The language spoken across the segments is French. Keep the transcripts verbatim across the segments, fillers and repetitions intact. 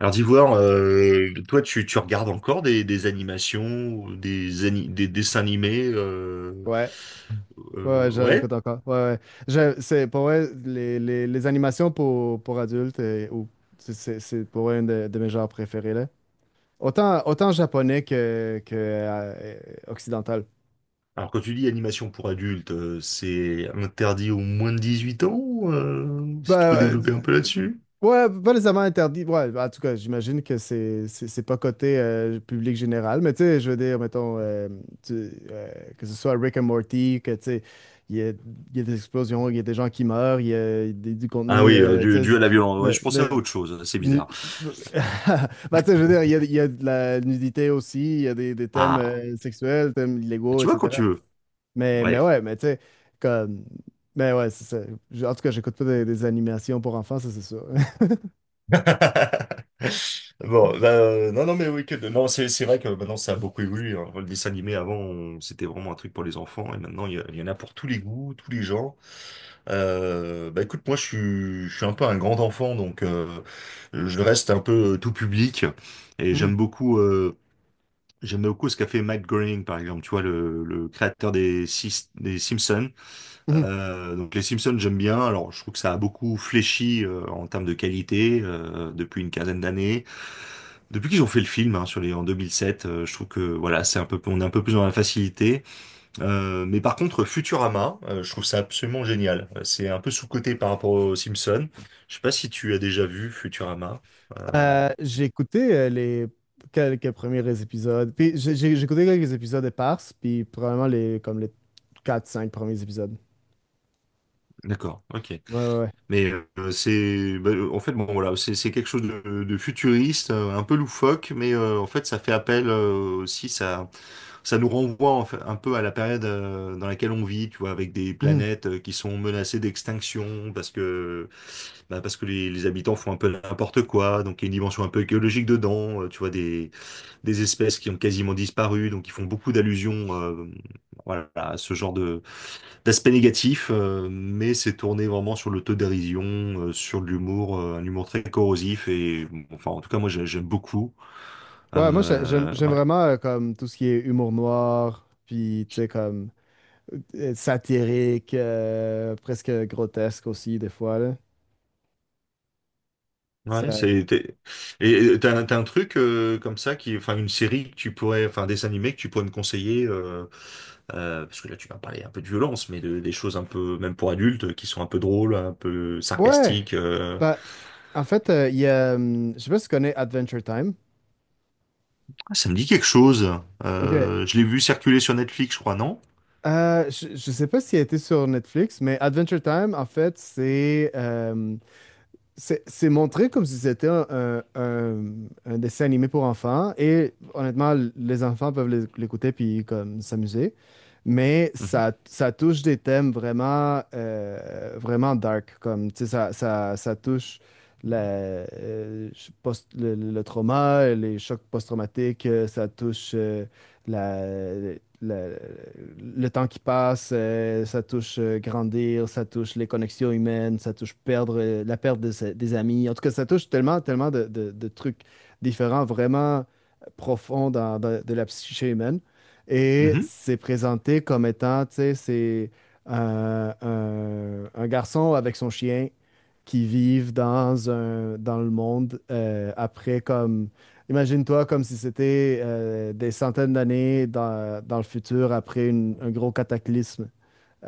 Alors d'Ivoire, euh, toi tu, tu regardes encore des, des animations, ou des, ani- des dessins animés euh, Ouais, ouais, ouais, euh, je ouais. l'écoute encore. Ouais, ouais. Je- c'est, pour vrai, les, les, les animations pour, pour adultes, euh, ou, c'est c'est- c'est pour vrai une de, de mes genres préférés, là. Autant, autant japonais que, que euh, occidental. Alors quand tu dis animation pour adultes, euh, c'est interdit aux moins de dix-huit ans, euh, si tu Bah, peux euh, développer un peu là-dessus. ouais, pas les amants interdits. Ouais, en tout cas, j'imagine que c'est c'est c'est pas côté euh, public général, mais tu sais, je veux dire, mettons, euh, tu- euh, que ce soit Rick and Morty, que tu sais, il y a, il y a des explosions, il y a des gens qui meurent, il y a des- du Ah contenu, oui, euh, euh, tu dû, sais, dû à c'est- la violence. Ouais, le- je pensais à le- autre chose, c'est nu- bizarre. Bah, tu sais, je veux dire, il y a, il y a de la nudité aussi, il y a des, des thèmes Ah, euh, sexuels, thèmes illégaux, tu vois quand et cetera. tu veux. Mais, mais Ouais. ouais, mais tu sais, comme. Mais ouais, c'est ça. J- En tout cas, j'écoute pas des, des animations pour enfants, ça, c'est sûr. Bon, bah, euh, non, non, mais oui, que de- non, c'est c'est vrai que maintenant ça a beaucoup évolué, hein. Le dessin animé avant, on- c'était vraiment un truc pour les enfants, et maintenant il y, a- il y en a pour tous les goûts, tous les genres. Euh, bah écoute, moi je suis, je suis un peu un grand enfant, donc euh, je reste un peu euh, tout public, et Mhm, j'aime beaucoup, euh, j'aime beaucoup ce qu'a fait Matt Groening, par exemple, tu vois, le, le créateur des, Sis- des Simpsons. mhm. Euh, donc les Simpsons, j'aime bien. Alors, je trouve que ça a beaucoup fléchi euh, en termes de qualité euh, depuis une quinzaine d'années. Depuis qu'ils ont fait le film hein, sur les en deux mille sept, euh, je trouve que voilà, c'est un peu, on est un peu plus dans la facilité. Euh, mais par contre, Futurama, euh, je trouve ça absolument génial. Euh, C'est un peu sous-coté par rapport aux Simpsons. Je sais pas si tu as déjà vu Futurama. Euh, Euh, j'ai écouté euh, les quelques premiers épisodes. Puis j'ai j'ai- j'ai écouté quelques épisodes éparses, puis probablement les, comme les quatre cinq premiers épisodes. d'accord, ok. Ouais, ouais, ouais. Mais euh, c'est, bah, euh, en fait, bon voilà, c'est c'est quelque chose de, de futuriste, euh, un peu loufoque, mais euh, en fait, ça fait appel euh, aussi, ça, ça nous renvoie en fait, un peu à la période euh, dans laquelle on vit, tu vois, avec des Mhm. planètes euh, qui sont menacées d'extinction parce que, bah, parce que les, les habitants font un peu n'importe quoi, donc il y a une dimension un peu écologique dedans, euh, tu vois, des, des espèces qui ont quasiment disparu, donc ils font beaucoup d'allusions, euh, voilà, à ce genre de. L'aspect négatif, euh, mais c'est tourné vraiment sur l'autodérision, euh, sur l'humour, euh, un humour très corrosif et bon, enfin en tout cas moi j'ai- j'aime beaucoup. Ouais, moi, j'ai- j'aime Euh, j'aime ouais, vraiment euh, comme tout ce qui est humour noir, puis tu sais, comme euh, satirique, euh, presque grotesque aussi, des fois, là. ouais, Ça. c'est t'es- et et t'as, t'as un truc euh, comme ça qui, enfin une série que tu pourrais, enfin des animés que tu pourrais me conseiller euh, euh, parce que là tu m'as parlé un peu de violence, mais de, des choses un peu même pour adultes qui sont un peu drôles, un peu Ouais. sarcastiques, euh. Bah, en fait, euh, il y a, hum, je sais pas si tu connais Adventure Time. Ah, ça me dit quelque chose. Ok. Euh, je l'ai vu circuler sur Netflix, je crois, non? Euh, je, je sais pas s'il a été sur Netflix, mais Adventure Time, en fait, c'est euh, C'est c'est montré comme si c'était un, un- un- un dessin animé pour enfants et honnêtement, l- les enfants peuvent l'é- l'écouter puis comme s'amuser, mais Mhm. ça, ça touche des thèmes vraiment, euh, vraiment dark, comme tu sais, ça, ça, ça touche la, euh, je- post- le, le- le trauma, les chocs post-traumatiques, euh, ça touche euh, le, le temps qui passe, euh, ça touche euh, grandir, ça touche les connexions humaines, ça touche perdre, euh, la perte de ses- des amis. En tout cas, ça touche tellement, tellement de, de- de trucs différents, vraiment euh, profonds dans, dans- de la psyché humaine. Et Mhm. c'est présenté comme étant, tu sais, c'est euh, un, un garçon avec son chien qui vivent dans un, dans le monde euh, après comme. Imagine-toi comme si c'était euh, des centaines d'années dans, dans le futur après une- un gros cataclysme.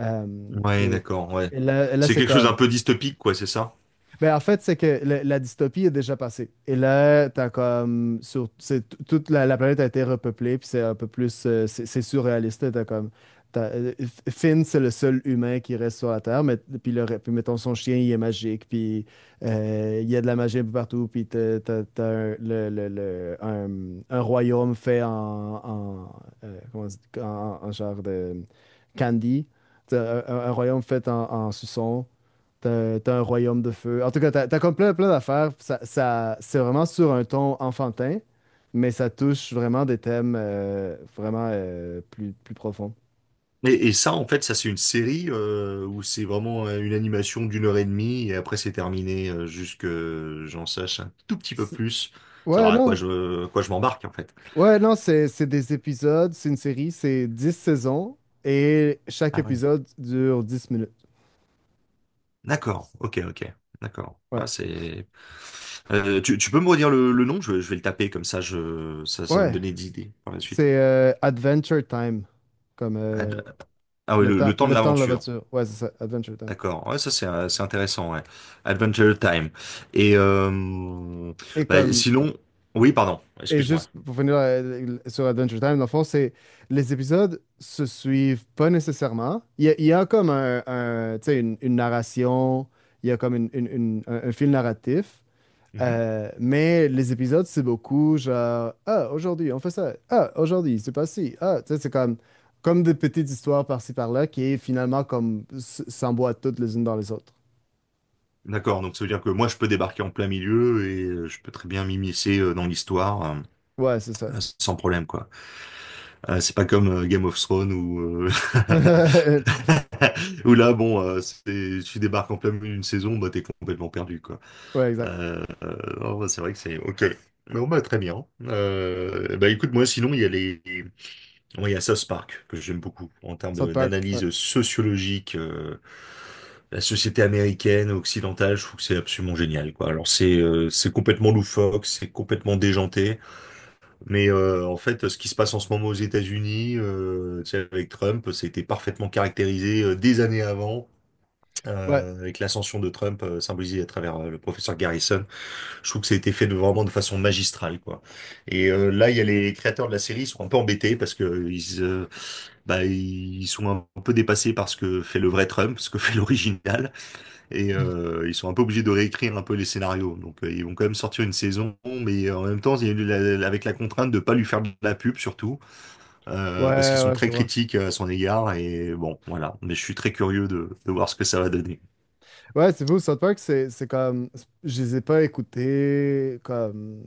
Euh, Ouais, et, d'accord, ouais. et là, là, C'est c'est quelque chose d'un comme, peu dystopique, quoi, c'est ça? ben, en fait, c'est que la, la dystopie est déjà passée. Et là, t'as comme. Sur, c'est, t- toute la, la planète a été repeuplée, puis c'est un peu plus. euh, c'est c'est surréaliste. Là, T'as comme. t'as- euh, F- Finn, c'est le seul humain qui reste sur la Terre, mais puis, le, re- puis mettons son chien, il est magique, puis euh, il y a de la magie un peu partout, puis t'as, t'as- t'as un, le, le- le- un, un royaume fait en. En, euh, comment on dit- en, en genre de candy. T'as Un, un- un royaume fait en, en suçon. T'as t'as un royaume de feu. En tout cas, t'as t'as comme plein, plein d'affaires. Ça, ça- c'est vraiment sur un ton enfantin, mais ça touche vraiment des thèmes euh, vraiment euh, plus, plus profonds. Et, et ça, en fait, ça, c'est une série euh, où c'est vraiment euh, une animation d'une heure et demie et après, c'est terminé euh, jusque euh, j'en sache un tout petit peu C'est- plus, Ouais, savoir à quoi non. je, à quoi je m'embarque, en fait. Ouais, non, c'est c'est des épisodes, c'est une série, c'est dix saisons et chaque Ah oui. épisode dure dix minutes. D'accord, ok, ok, d'accord. Ouais. Ouais, c'est… Euh, tu, tu peux me redire le, le nom? Je, vais je vais le taper, comme ça, je, ça, ça va me Ouais. donner des idées par la suite. C'est euh, Adventure Time, comme euh, Ad- Ah oui, le le, temps, le temps de le temps de la l'aventure. voiture. Ouais, c'est ça, Adventure Time. D'accord, ouais, ça c'est euh, c'est intéressant, ouais. Adventure Time. Et euh, Et bah, comme sinon, oui, pardon, Et excuse-moi. juste pour finir euh, sur Adventure Time, dans le fond, c'est les épisodes se suivent pas nécessairement. Il y a, il y a comme un, un- tu sais, une, une narration, il y a comme une- une- une- un, un fil narratif, Mhm. euh, mais les épisodes, c'est beaucoup genre, ah, aujourd'hui, on fait ça, ah, aujourd'hui, c'est pas ci, ah, tu sais, c'est comme, comme des petites histoires par-ci par-là qui est finalement comme s- s'emboîtent toutes les unes dans les autres. D'accord, donc ça veut dire que moi je peux débarquer en plein milieu et euh, je peux très bien m'immiscer euh, dans l'histoire euh, Ouais, c'est ça. euh, sans problème, quoi. Euh, c'est pas comme euh, Game of Thrones ou où là, bon, euh, c'est- tu débarques en plein milieu d'une saison, bah t'es complètement perdu, quoi. Ouais, exact. Euh, euh, non, bah, c'est vrai que c'est ok. Bon, bah très bien. Euh, bah écoute, moi sinon il y a les. Oui, il y a South Park, que j'aime beaucoup, en termes South de- Park, ouais. d'analyse sociologique, euh, la société américaine, occidentale, je trouve que c'est absolument génial, quoi. Alors c'est euh, c'est complètement loufoque, c'est complètement déjanté, mais euh, en fait, ce qui se passe en ce moment aux États-Unis, euh, tu sais, avec Trump, ça a été parfaitement caractérisé euh, des années avant, Ouais, euh, avec l'ascension de Trump, euh, symbolisée à travers euh, le professeur Garrison. Je trouve que ça a été fait de, vraiment de façon magistrale, quoi. Et euh, là, il y a les créateurs de la série, ils sont un peu embêtés parce que euh, ils, euh, bah, ils sont un peu dépassés par ce que fait le vrai Trump, ce que fait l'original, et euh, ils sont un peu obligés de réécrire un peu les scénarios. Donc, euh, ils vont quand même sortir une saison, mais euh, en même temps, il y a eu la- avec la contrainte de pas lui faire de la pub surtout, euh, parce qu'ils ouais, sont ouais, je très comprends. critiques euh, à son égard. Et bon, voilà. Mais je suis très curieux de, de voir ce que ça va donner. Ouais, c'est fou, South Park, c'est c'est comme. Je les ai pas écoutés comme.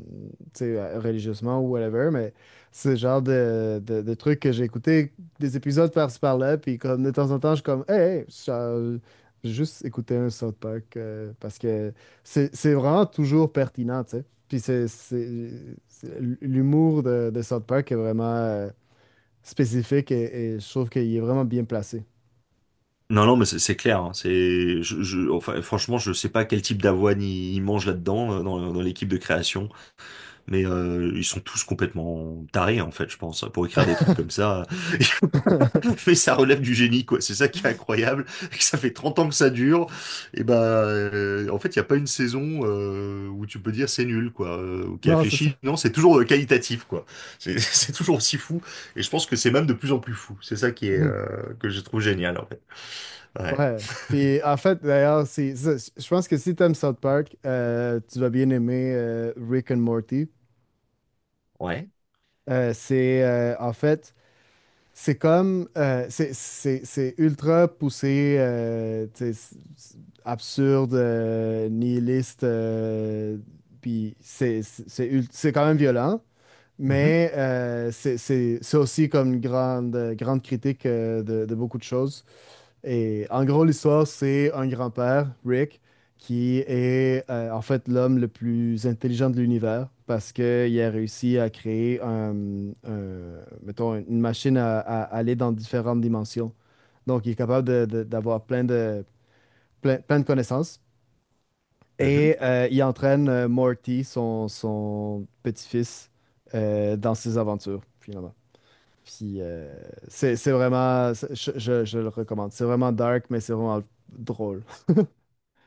Tu sais, euh, religieusement ou whatever, mais c'est le genre de, de, de trucs que j'ai écouté des épisodes par-ci par-là, puis comme de temps en temps, je suis comme, hey, hey, ça- j'ai juste écouté un South Park euh, parce que c'est c'est vraiment toujours pertinent, tu sais. Puis c'est. C'est- c'est- L'humour de, de South Park est vraiment euh, spécifique et, et je trouve qu'il est vraiment bien placé. Non, non, mais c'est c'est clair, hein. C'est, je, je- enfin, franchement, je sais pas quel type d'avoine ils ils mangent là-dedans, euh, dans, dans l'équipe de création, mais euh, ils sont tous complètement tarés, en fait, je pense, pour écrire des trucs comme ça. Mais ça relève du génie, quoi. C'est ça qui est incroyable. Ça fait trente ans que ça dure. Et ben, euh, en fait, il y a pas une saison euh, où tu peux dire c'est nul, quoi, euh, ou qui a Non, c'est ça. fléchi. Non, c'est toujours euh, qualitatif, quoi. C'est c'est toujours aussi fou. Et je pense que c'est même de plus en plus fou. C'est ça qui est euh, que je trouve génial, en fait. Ouais. Ouais. Puis en fait, d'ailleurs, c'est ça. Je pense que si t'aimes South Park, euh, tu vas bien aimer euh, Rick and Morty. Ouais. Euh, c'est euh, en fait, c'est comme euh, c'est c'est- c'est ultra poussé, euh, tu sais, c'est- c'est absurde, euh, nihiliste. Euh, puis c'est c'est c'est ul- c'est quand même violent, Mhm, mais euh, c'est c'est- c'est aussi comme une grande grande critique euh, de de beaucoup de choses. Et en gros, l'histoire, c'est un grand-père, Rick, qui est euh, en fait l'homme le plus intelligent de l'univers parce qu'il a réussi à créer un, un- mettons, une machine à, à aller dans différentes dimensions. Donc, il est capable de- de- d'avoir plein de, plein, plein de connaissances. mhm. Et euh, il entraîne euh, Morty, son, son petit-fils, euh, dans ses aventures, finalement. Puis, euh, c'est c'est vraiment, c'est- je, je je le recommande. C'est vraiment dark, mais c'est vraiment drôle.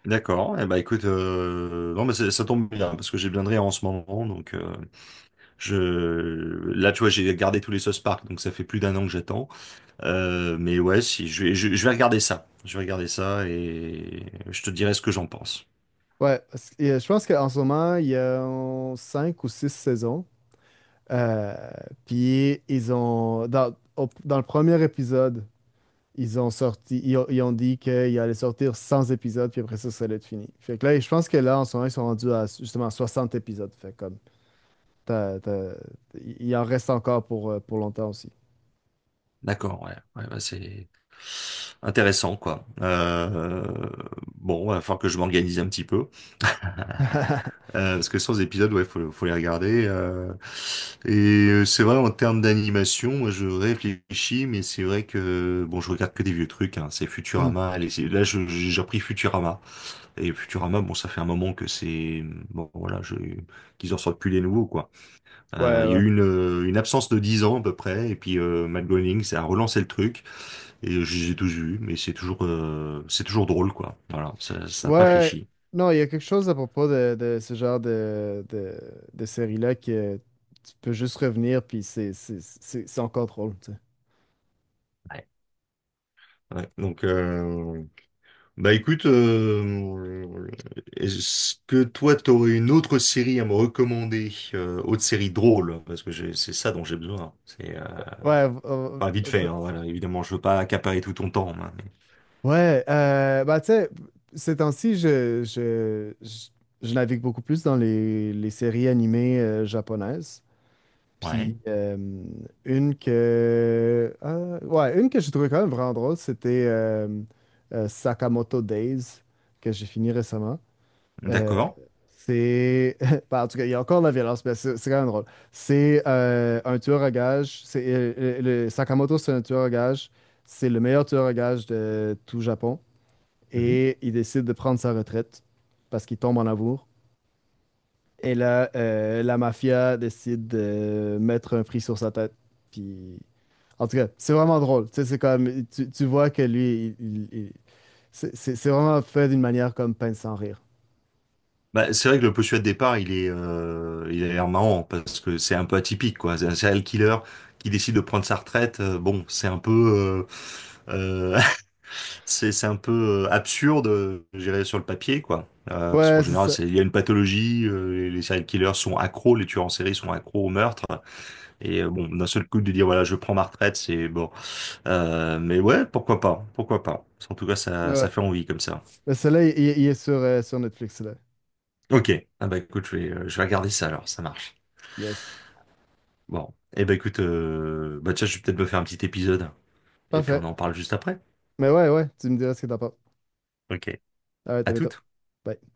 D'accord. Eh ben, écoute, euh, non, mais c'est- ça tombe bien parce que j'ai bien de rire en ce moment. Donc, euh, je là, tu vois, j'ai gardé tous les sauce Park, donc ça fait plus d'un an que j'attends. Euh, mais ouais, si je vais, je, je vais regarder ça. Je vais regarder ça et je te dirai ce que j'en pense. Ouais, parce que, euh, je pense qu'en ce moment, il y a euh, cinq ou six saisons. Euh, puis ils ont dans, au- dans le premier épisode, ils ont sorti, ils ont, ils ont dit qu'il allait sortir cent épisodes, puis après ça, ça allait être fini. Fait que là, je pense que là, en ce moment, ils sont rendus à justement soixante épisodes. Fait comme t'as- t'as- il en reste encore pour, euh, pour longtemps aussi. D'accord. Ouais. Ouais, bah, c'est intéressant, quoi. Euh, bon, il va falloir que je m'organise un petit peu. Euh, parce que sans épisodes, ouais, faut, faut les regarder, euh. et euh, c'est vrai, en termes d'animation, moi, je réfléchis, mais c'est vrai que bon, je regarde que des vieux trucs. Hein, c'est Hmm. Futurama. Allez, c'est- là, je- j'ai repris Futurama. Et Futurama, bon, ça fait un moment que c'est bon, voilà, je, qu'ils en sortent plus les nouveaux, quoi. Ouais, Euh, Il y a ouais. eu une, euh, une absence de dix ans à peu près, et puis euh, Matt Groening, ça a relancé le truc. Et j'ai tout vu, mais c'est toujours, euh, c'est toujours drôle, quoi. Voilà, ça, ça a pas Ouais, fléchi. non, il y a quelque chose à propos de, de ce genre de, de, de série-là que tu peux juste revenir, puis c'est c'est- c'est- c'est encore drôle, tu sais. Ouais. Ouais, donc. Euh… Bah écoute, euh, est-ce que toi t'aurais une autre série à me recommander, euh, autre série drôle, parce que j'ai- c'est ça dont j'ai besoin. C'est euh, Ouais, euh, enfin vite un fait, peu- hein, voilà. Évidemment, je veux pas accaparer tout ton temps, hein, mais. ouais, euh, bah tu sais, ces temps-ci, je, je, je, je navigue beaucoup plus dans les, les séries animées euh, japonaises. Ouais. Puis euh, une que... ah, ouais, une que j'ai trouvée quand même vraiment drôle, c'était euh, euh, Sakamoto Days, que j'ai fini récemment. Euh, D'accord. c'est. Bah, en tout cas, il y a encore de la violence, mais c'est c'est quand même drôle. C'est euh, un tueur à gages. C'est, euh, le, le- Sakamoto, c'est un tueur à gages. C'est le meilleur tueur à gages de tout Japon. Et il décide de prendre sa retraite parce qu'il tombe en amour. Et là, euh, la mafia décide de mettre un prix sur sa tête. Puis. En tout cas, c'est vraiment drôle. Tu sais, c'est comme. Tu, tu vois que lui, il- il- il- c'est c'est- c'est vraiment fait d'une manière comme peine sans rire. Bah, c'est vrai que le postulat de départ, il est, euh, il a l'air marrant parce que c'est un peu atypique, quoi. C'est un serial killer qui décide de prendre sa retraite, euh, bon, c'est un peu, euh, euh, c'est c'est un peu euh, absurde, euh, je dirais, sur le papier, quoi. Euh, parce qu'en Ouais, c'est général, ça. c'est- il y a une pathologie, euh, les les serial killers sont accros, les tueurs en série sont accros au meurtre. Et euh, bon, d'un seul coup de dire voilà, je prends ma retraite, c'est bon. Euh, mais ouais, pourquoi pas, pourquoi pas. En tout cas, ça, Ouais. ça fait envie comme ça. Mais celui-là, il, il- il est sur, euh, sur Netflix, là. Ok. Ah bah écoute, je vais, euh, je vais regarder ça alors. Ça marche. Yes. Bon. Eh ben écoute, euh, bah tiens, je vais peut-être me faire un petit épisode. Et puis on Parfait. en parle juste après. Mais ouais, ouais, tu me diras ce que t'en penses. Ok. All right, à À bientôt. toutes. Bye.